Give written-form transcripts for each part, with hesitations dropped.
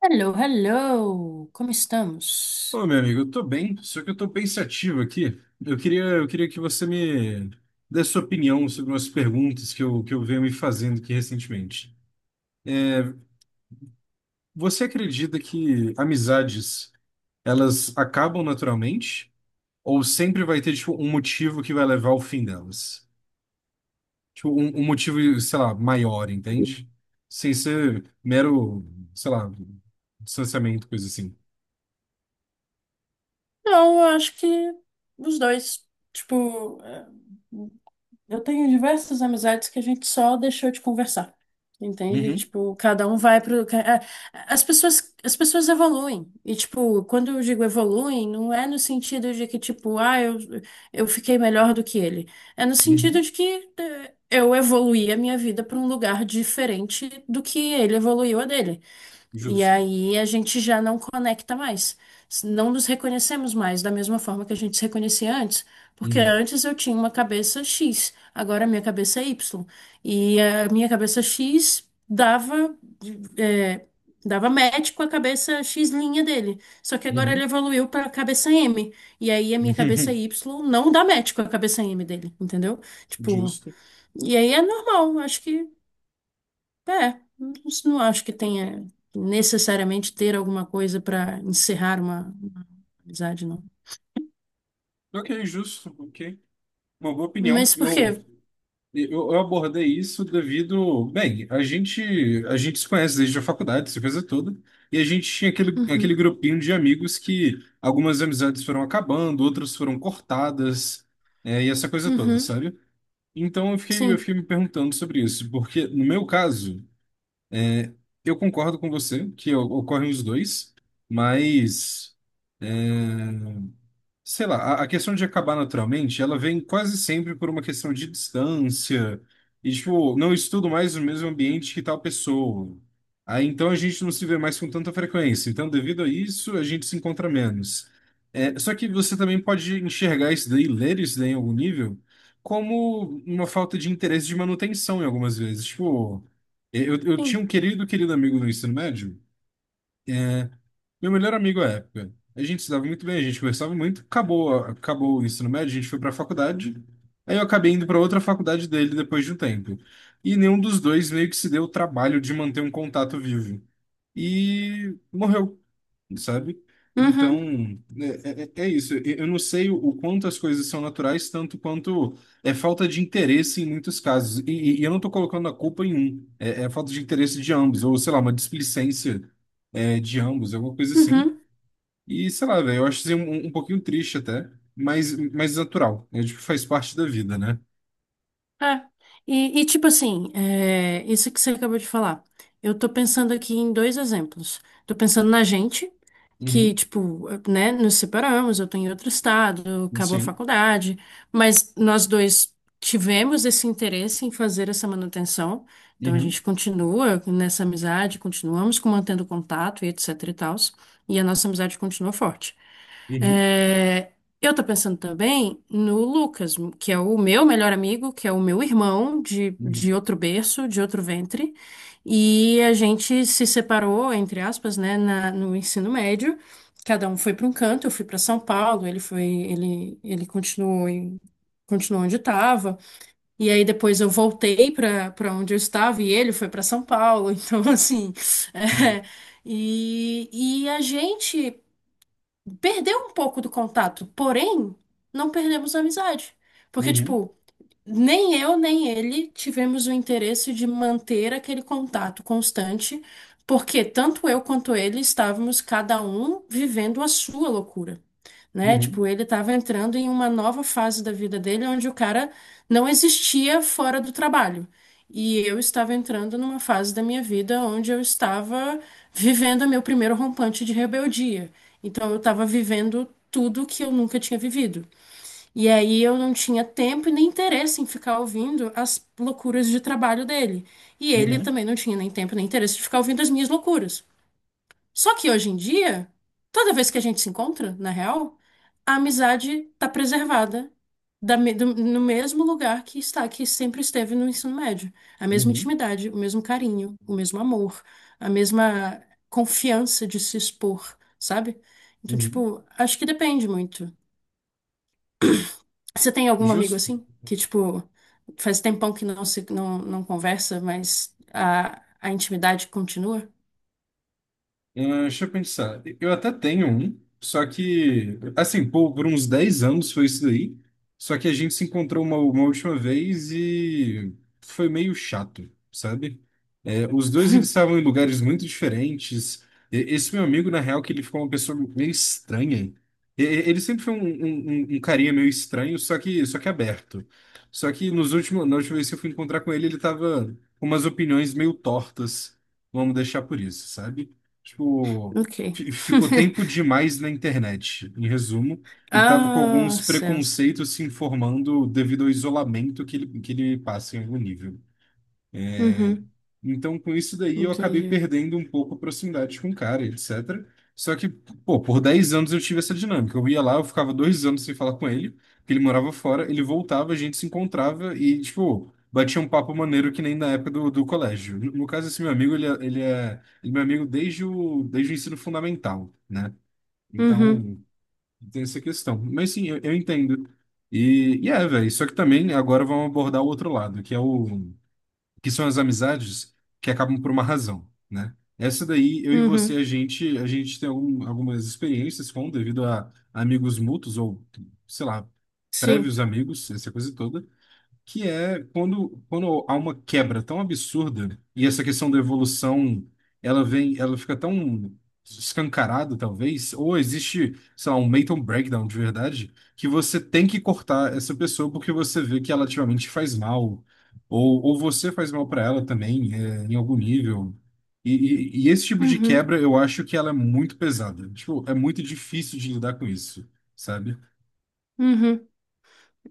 Hello, hello! Como estamos? Ô, meu amigo, eu tô bem, só que eu tô pensativo aqui. Eu queria que você me desse sua opinião sobre umas perguntas que eu venho me fazendo aqui recentemente. Você acredita que amizades, elas acabam naturalmente? Ou sempre vai ter, tipo, um motivo que vai levar ao fim delas? Tipo, um motivo, sei lá, maior, entende? Sem ser mero, sei lá, distanciamento, coisa assim. Não, eu acho que os dois. Tipo, eu tenho diversas amizades que a gente só deixou de conversar. Entende? Uhum, Tipo, cada um vai pro. As pessoas evoluem. E, tipo, quando eu digo evoluem, não é no sentido de que, tipo, ah, eu fiquei melhor do que ele. É no sentido uhum, de que eu evoluí a minha vida para um lugar diferente do que ele evoluiu a dele. E justo. aí a gente já não conecta mais. Não nos reconhecemos mais da mesma forma que a gente se reconhecia antes. Porque Uhum, antes eu tinha uma cabeça X, agora a minha cabeça é Y. E a minha cabeça X dava, é, dava match com a cabeça X linha dele. Só que agora uhum, ele evoluiu para a cabeça M. E aí a minha cabeça Y não dá match com a cabeça M dele, entendeu? Tipo, justo. e aí é normal, acho que. É, não não acho que tenha necessariamente ter alguma coisa para encerrar uma amizade, não. Ok, justo, ok. Uma boa opinião. Mas por Eu, quê? eu, eu abordei isso devido. Bem, a gente se conhece desde a faculdade, essa coisa toda, e a gente tinha aquele Uhum, grupinho de amigos que algumas amizades foram acabando, outras foram cortadas, e essa coisa toda, uhum, sabe? Então eu fiquei, eu sim, fiquei me perguntando sobre isso, porque no meu caso, eu concordo com você que ocorrem os dois, mas. é, sei lá, a questão de acabar naturalmente, ela vem quase sempre por uma questão de distância. E, tipo, não estudo mais no mesmo ambiente que tal pessoa. Aí então a gente não se vê mais com tanta frequência. Então, devido a isso, a gente se encontra menos. É, só que você também pode enxergar isso daí, ler isso daí em algum nível, como uma falta de interesse de manutenção em algumas vezes. Tipo, eu tinha sim. um querido, querido amigo no ensino médio. Meu melhor amigo à época. A gente se dava muito bem, a gente conversava muito. Acabou, acabou o ensino médio, a gente foi para a faculdade. Aí eu acabei indo para outra faculdade dele depois de um tempo. E nenhum dos dois meio que se deu o trabalho de manter um contato vivo. E morreu, sabe? Então, Uhum, é isso. Eu não sei o quanto as coisas são naturais, tanto quanto é falta de interesse em muitos casos. E eu não estou colocando a culpa em um, é falta de interesse de ambos, ou sei lá, uma displicência, é, de ambos, alguma coisa assim. uhum. E sei lá, velho, eu acho isso um pouquinho triste até, mas natural. Eu acho que faz parte da vida, né? É. Tipo assim, é, isso que você acabou de falar. Eu tô pensando aqui em dois exemplos. Tô pensando na gente, que, Uhum. tipo, né, nos separamos, eu tô em outro estado, acabou a Sim. faculdade, mas nós dois tivemos esse interesse em fazer essa manutenção. Então a Uhum. gente continua nessa amizade, continuamos com mantendo contato e etc e tals, e a nossa amizade continua forte. Uhum. É, eu tô pensando também no Lucas, que é o meu melhor amigo, que é o meu irmão de Uhum. outro berço, de outro ventre. E a gente se separou, entre aspas, né, no ensino médio. Cada um foi para um canto, eu fui para São Paulo, ele continuou continuou onde estava. E aí depois eu voltei para para onde eu estava e ele foi para São Paulo. Então, assim, é, e, e a gente perdeu um pouco do contato, porém, não perdemos a amizade. Porque, Uhum. tipo, nem eu, nem ele tivemos o interesse de manter aquele contato constante, porque tanto eu quanto ele estávamos cada um vivendo a sua loucura, né? Uhum. Tipo, ele estava entrando em uma nova fase da vida dele onde o cara não existia fora do trabalho. E eu estava entrando numa fase da minha vida onde eu estava vivendo meu primeiro rompante de rebeldia. Então eu estava vivendo tudo que eu nunca tinha vivido. E aí eu não tinha tempo e nem interesse em ficar ouvindo as loucuras de trabalho dele. E ele Uhum. também não tinha nem tempo nem interesse de ficar ouvindo as minhas loucuras. Só que hoje em dia, toda vez que a gente se encontra, na real, a amizade tá preservada no mesmo lugar que está, que sempre esteve no ensino médio. A mesma Uhum. intimidade, o mesmo carinho, o mesmo amor, a mesma confiança de se expor, sabe? Então, Uhum. tipo, acho que depende muito. Você tem algum amigo Justo. assim? Que, tipo, faz tempão que não se não, não conversa, mas a intimidade continua? Deixa eu pensar. Eu até tenho um, só que, assim, por uns 10 anos foi isso daí. Só que a gente se encontrou uma última vez e foi meio chato, sabe? É, os dois eles estavam em lugares muito diferentes. Esse meu amigo, na real, que ele ficou uma pessoa meio estranha. Ele sempre foi um carinha meio estranho, só que aberto. Só que nos últimos, na última vez que eu fui encontrar com ele, ele tava com umas opiniões meio tortas. Vamos deixar por isso, sabe? Tipo, Ok. ficou tempo demais na internet, em resumo, e tava com Ah, alguns céus. preconceitos se informando devido ao isolamento que ele passa em algum nível. Uhum, Então, com isso daí, eu acabei entendi. perdendo um pouco a proximidade com o cara, etc. Só que, pô, por 10 anos eu tive essa dinâmica. Eu ia lá, eu ficava 2 anos sem falar com ele, porque ele morava fora, ele voltava, a gente se encontrava e, tipo, batia um papo maneiro que nem na época do colégio. No caso, esse meu amigo, ele é meu amigo desde o ensino fundamental, né? Uhum, Então, tem essa questão. Mas sim, eu entendo. E é, velho, só que também agora vamos abordar o outro lado, que é o que são as amizades que acabam por uma razão, né? Essa daí, eu e você, a uhum, gente, a gente tem algumas experiências com, devido a amigos mútuos ou, sei lá, sim. prévios amigos, essa coisa toda que é quando há uma quebra tão absurda e essa questão da evolução, ela vem, ela fica tão escancarada, talvez, ou existe, sei lá, um mental breakdown de verdade, que você tem que cortar essa pessoa porque você vê que ela ativamente faz mal, ou você faz mal para ela também, é, em algum nível. E esse tipo de Uhum, quebra, eu acho que ela é muito pesada. Tipo, é muito difícil de lidar com isso, sabe? uhum.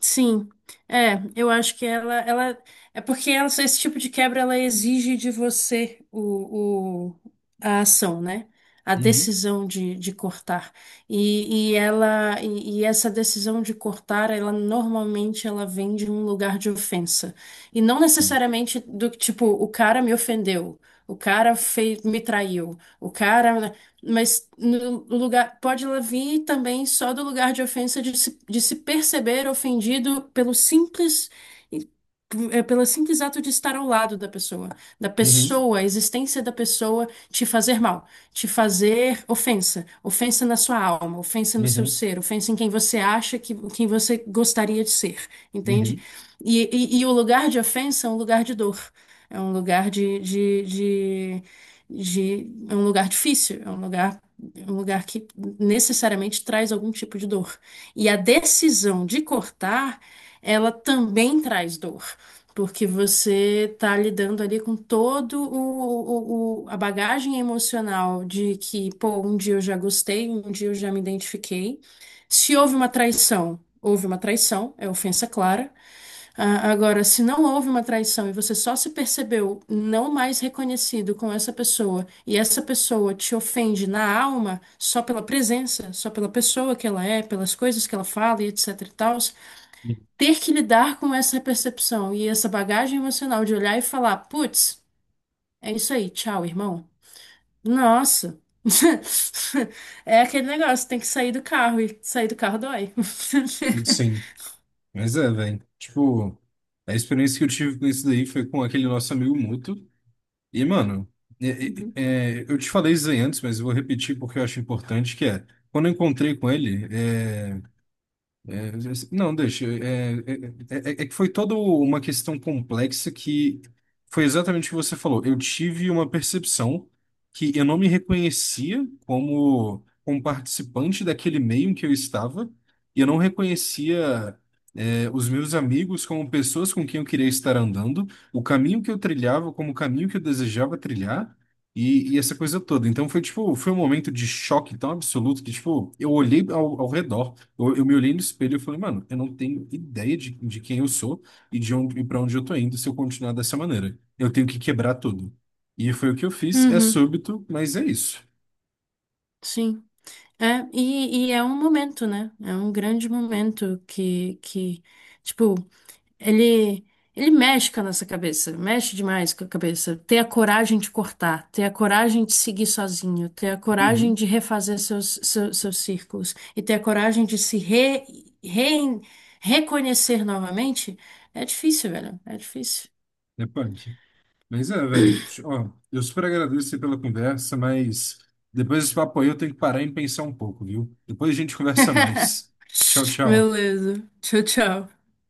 Sim, é, eu acho que ela é porque esse tipo de quebra ela exige de você a ação, né? A Uhum. decisão de cortar. E essa decisão de cortar, ela normalmente ela vem de um lugar de ofensa. E não necessariamente do que, tipo, o cara me ofendeu, o cara fez, me traiu, o cara mas no lugar, pode ela vir também só do lugar de ofensa de se perceber ofendido pelo simples, é pelo simples ato de estar ao lado da Uhum. pessoa, a existência da pessoa te fazer mal, te fazer ofensa, ofensa na sua alma, ofensa no seu Uhum. ser, ofensa em quem você acha que quem você gostaria de ser, entende? Uhum. E o lugar de ofensa é um lugar de dor, é um lugar de, de de é um lugar difícil, é um lugar que necessariamente traz algum tipo de dor. E a decisão de cortar, ela também traz dor, porque você está lidando ali com todo a bagagem emocional de que, pô, um dia eu já gostei, um dia eu já me identifiquei. Se houve uma traição, houve uma traição, é ofensa clara. Ah, agora, se não houve uma traição e você só se percebeu não mais reconhecido com essa pessoa e essa pessoa te ofende na alma só pela presença, só pela pessoa que ela é, pelas coisas que ela fala e etc e tal, Uhum. ter que lidar com essa percepção e essa bagagem emocional de olhar e falar, putz, é isso aí, tchau, irmão. Nossa. É aquele negócio, tem que sair do carro e sair do carro dói. Sim, mas é, velho. Tipo, a experiência que eu tive com isso daí foi com aquele nosso amigo mútuo. E, mano, é- Uhum. é- eu te falei isso aí antes, mas eu vou repetir porque eu acho importante, que é, quando eu encontrei com ele, é, não, deixa. É que foi toda uma questão complexa que foi exatamente o que você falou. Eu tive uma percepção que eu não me reconhecia como, como participante daquele meio em que eu estava, e eu não reconhecia, é, os meus amigos como pessoas com quem eu queria estar andando, o caminho que eu trilhava como o caminho que eu desejava trilhar. E essa coisa toda. Então foi tipo, foi um momento de choque tão absoluto que, tipo, eu olhei ao redor. Eu me olhei no espelho e falei, mano, eu não tenho ideia de quem eu sou e e para onde eu tô indo se eu continuar dessa maneira. Eu tenho que quebrar tudo. E foi o que eu fiz. É Uhum, súbito, mas é isso. sim. E é um momento, né? É um grande momento que tipo, ele, ele mexe com a nossa cabeça, mexe demais com a cabeça. Ter a coragem de cortar, ter a coragem de seguir sozinho, ter a coragem Uhum. de refazer seus círculos e ter a coragem de se re, re- reconhecer novamente, é difícil, velho. É difícil. É punk. Mas é, velho. Ó, eu super agradeço você pela conversa, mas depois desse papo aí eu tenho que parar e pensar um pouco, viu? Depois a gente conversa mais. Tchau, tchau. Beleza. Tchau, tchau.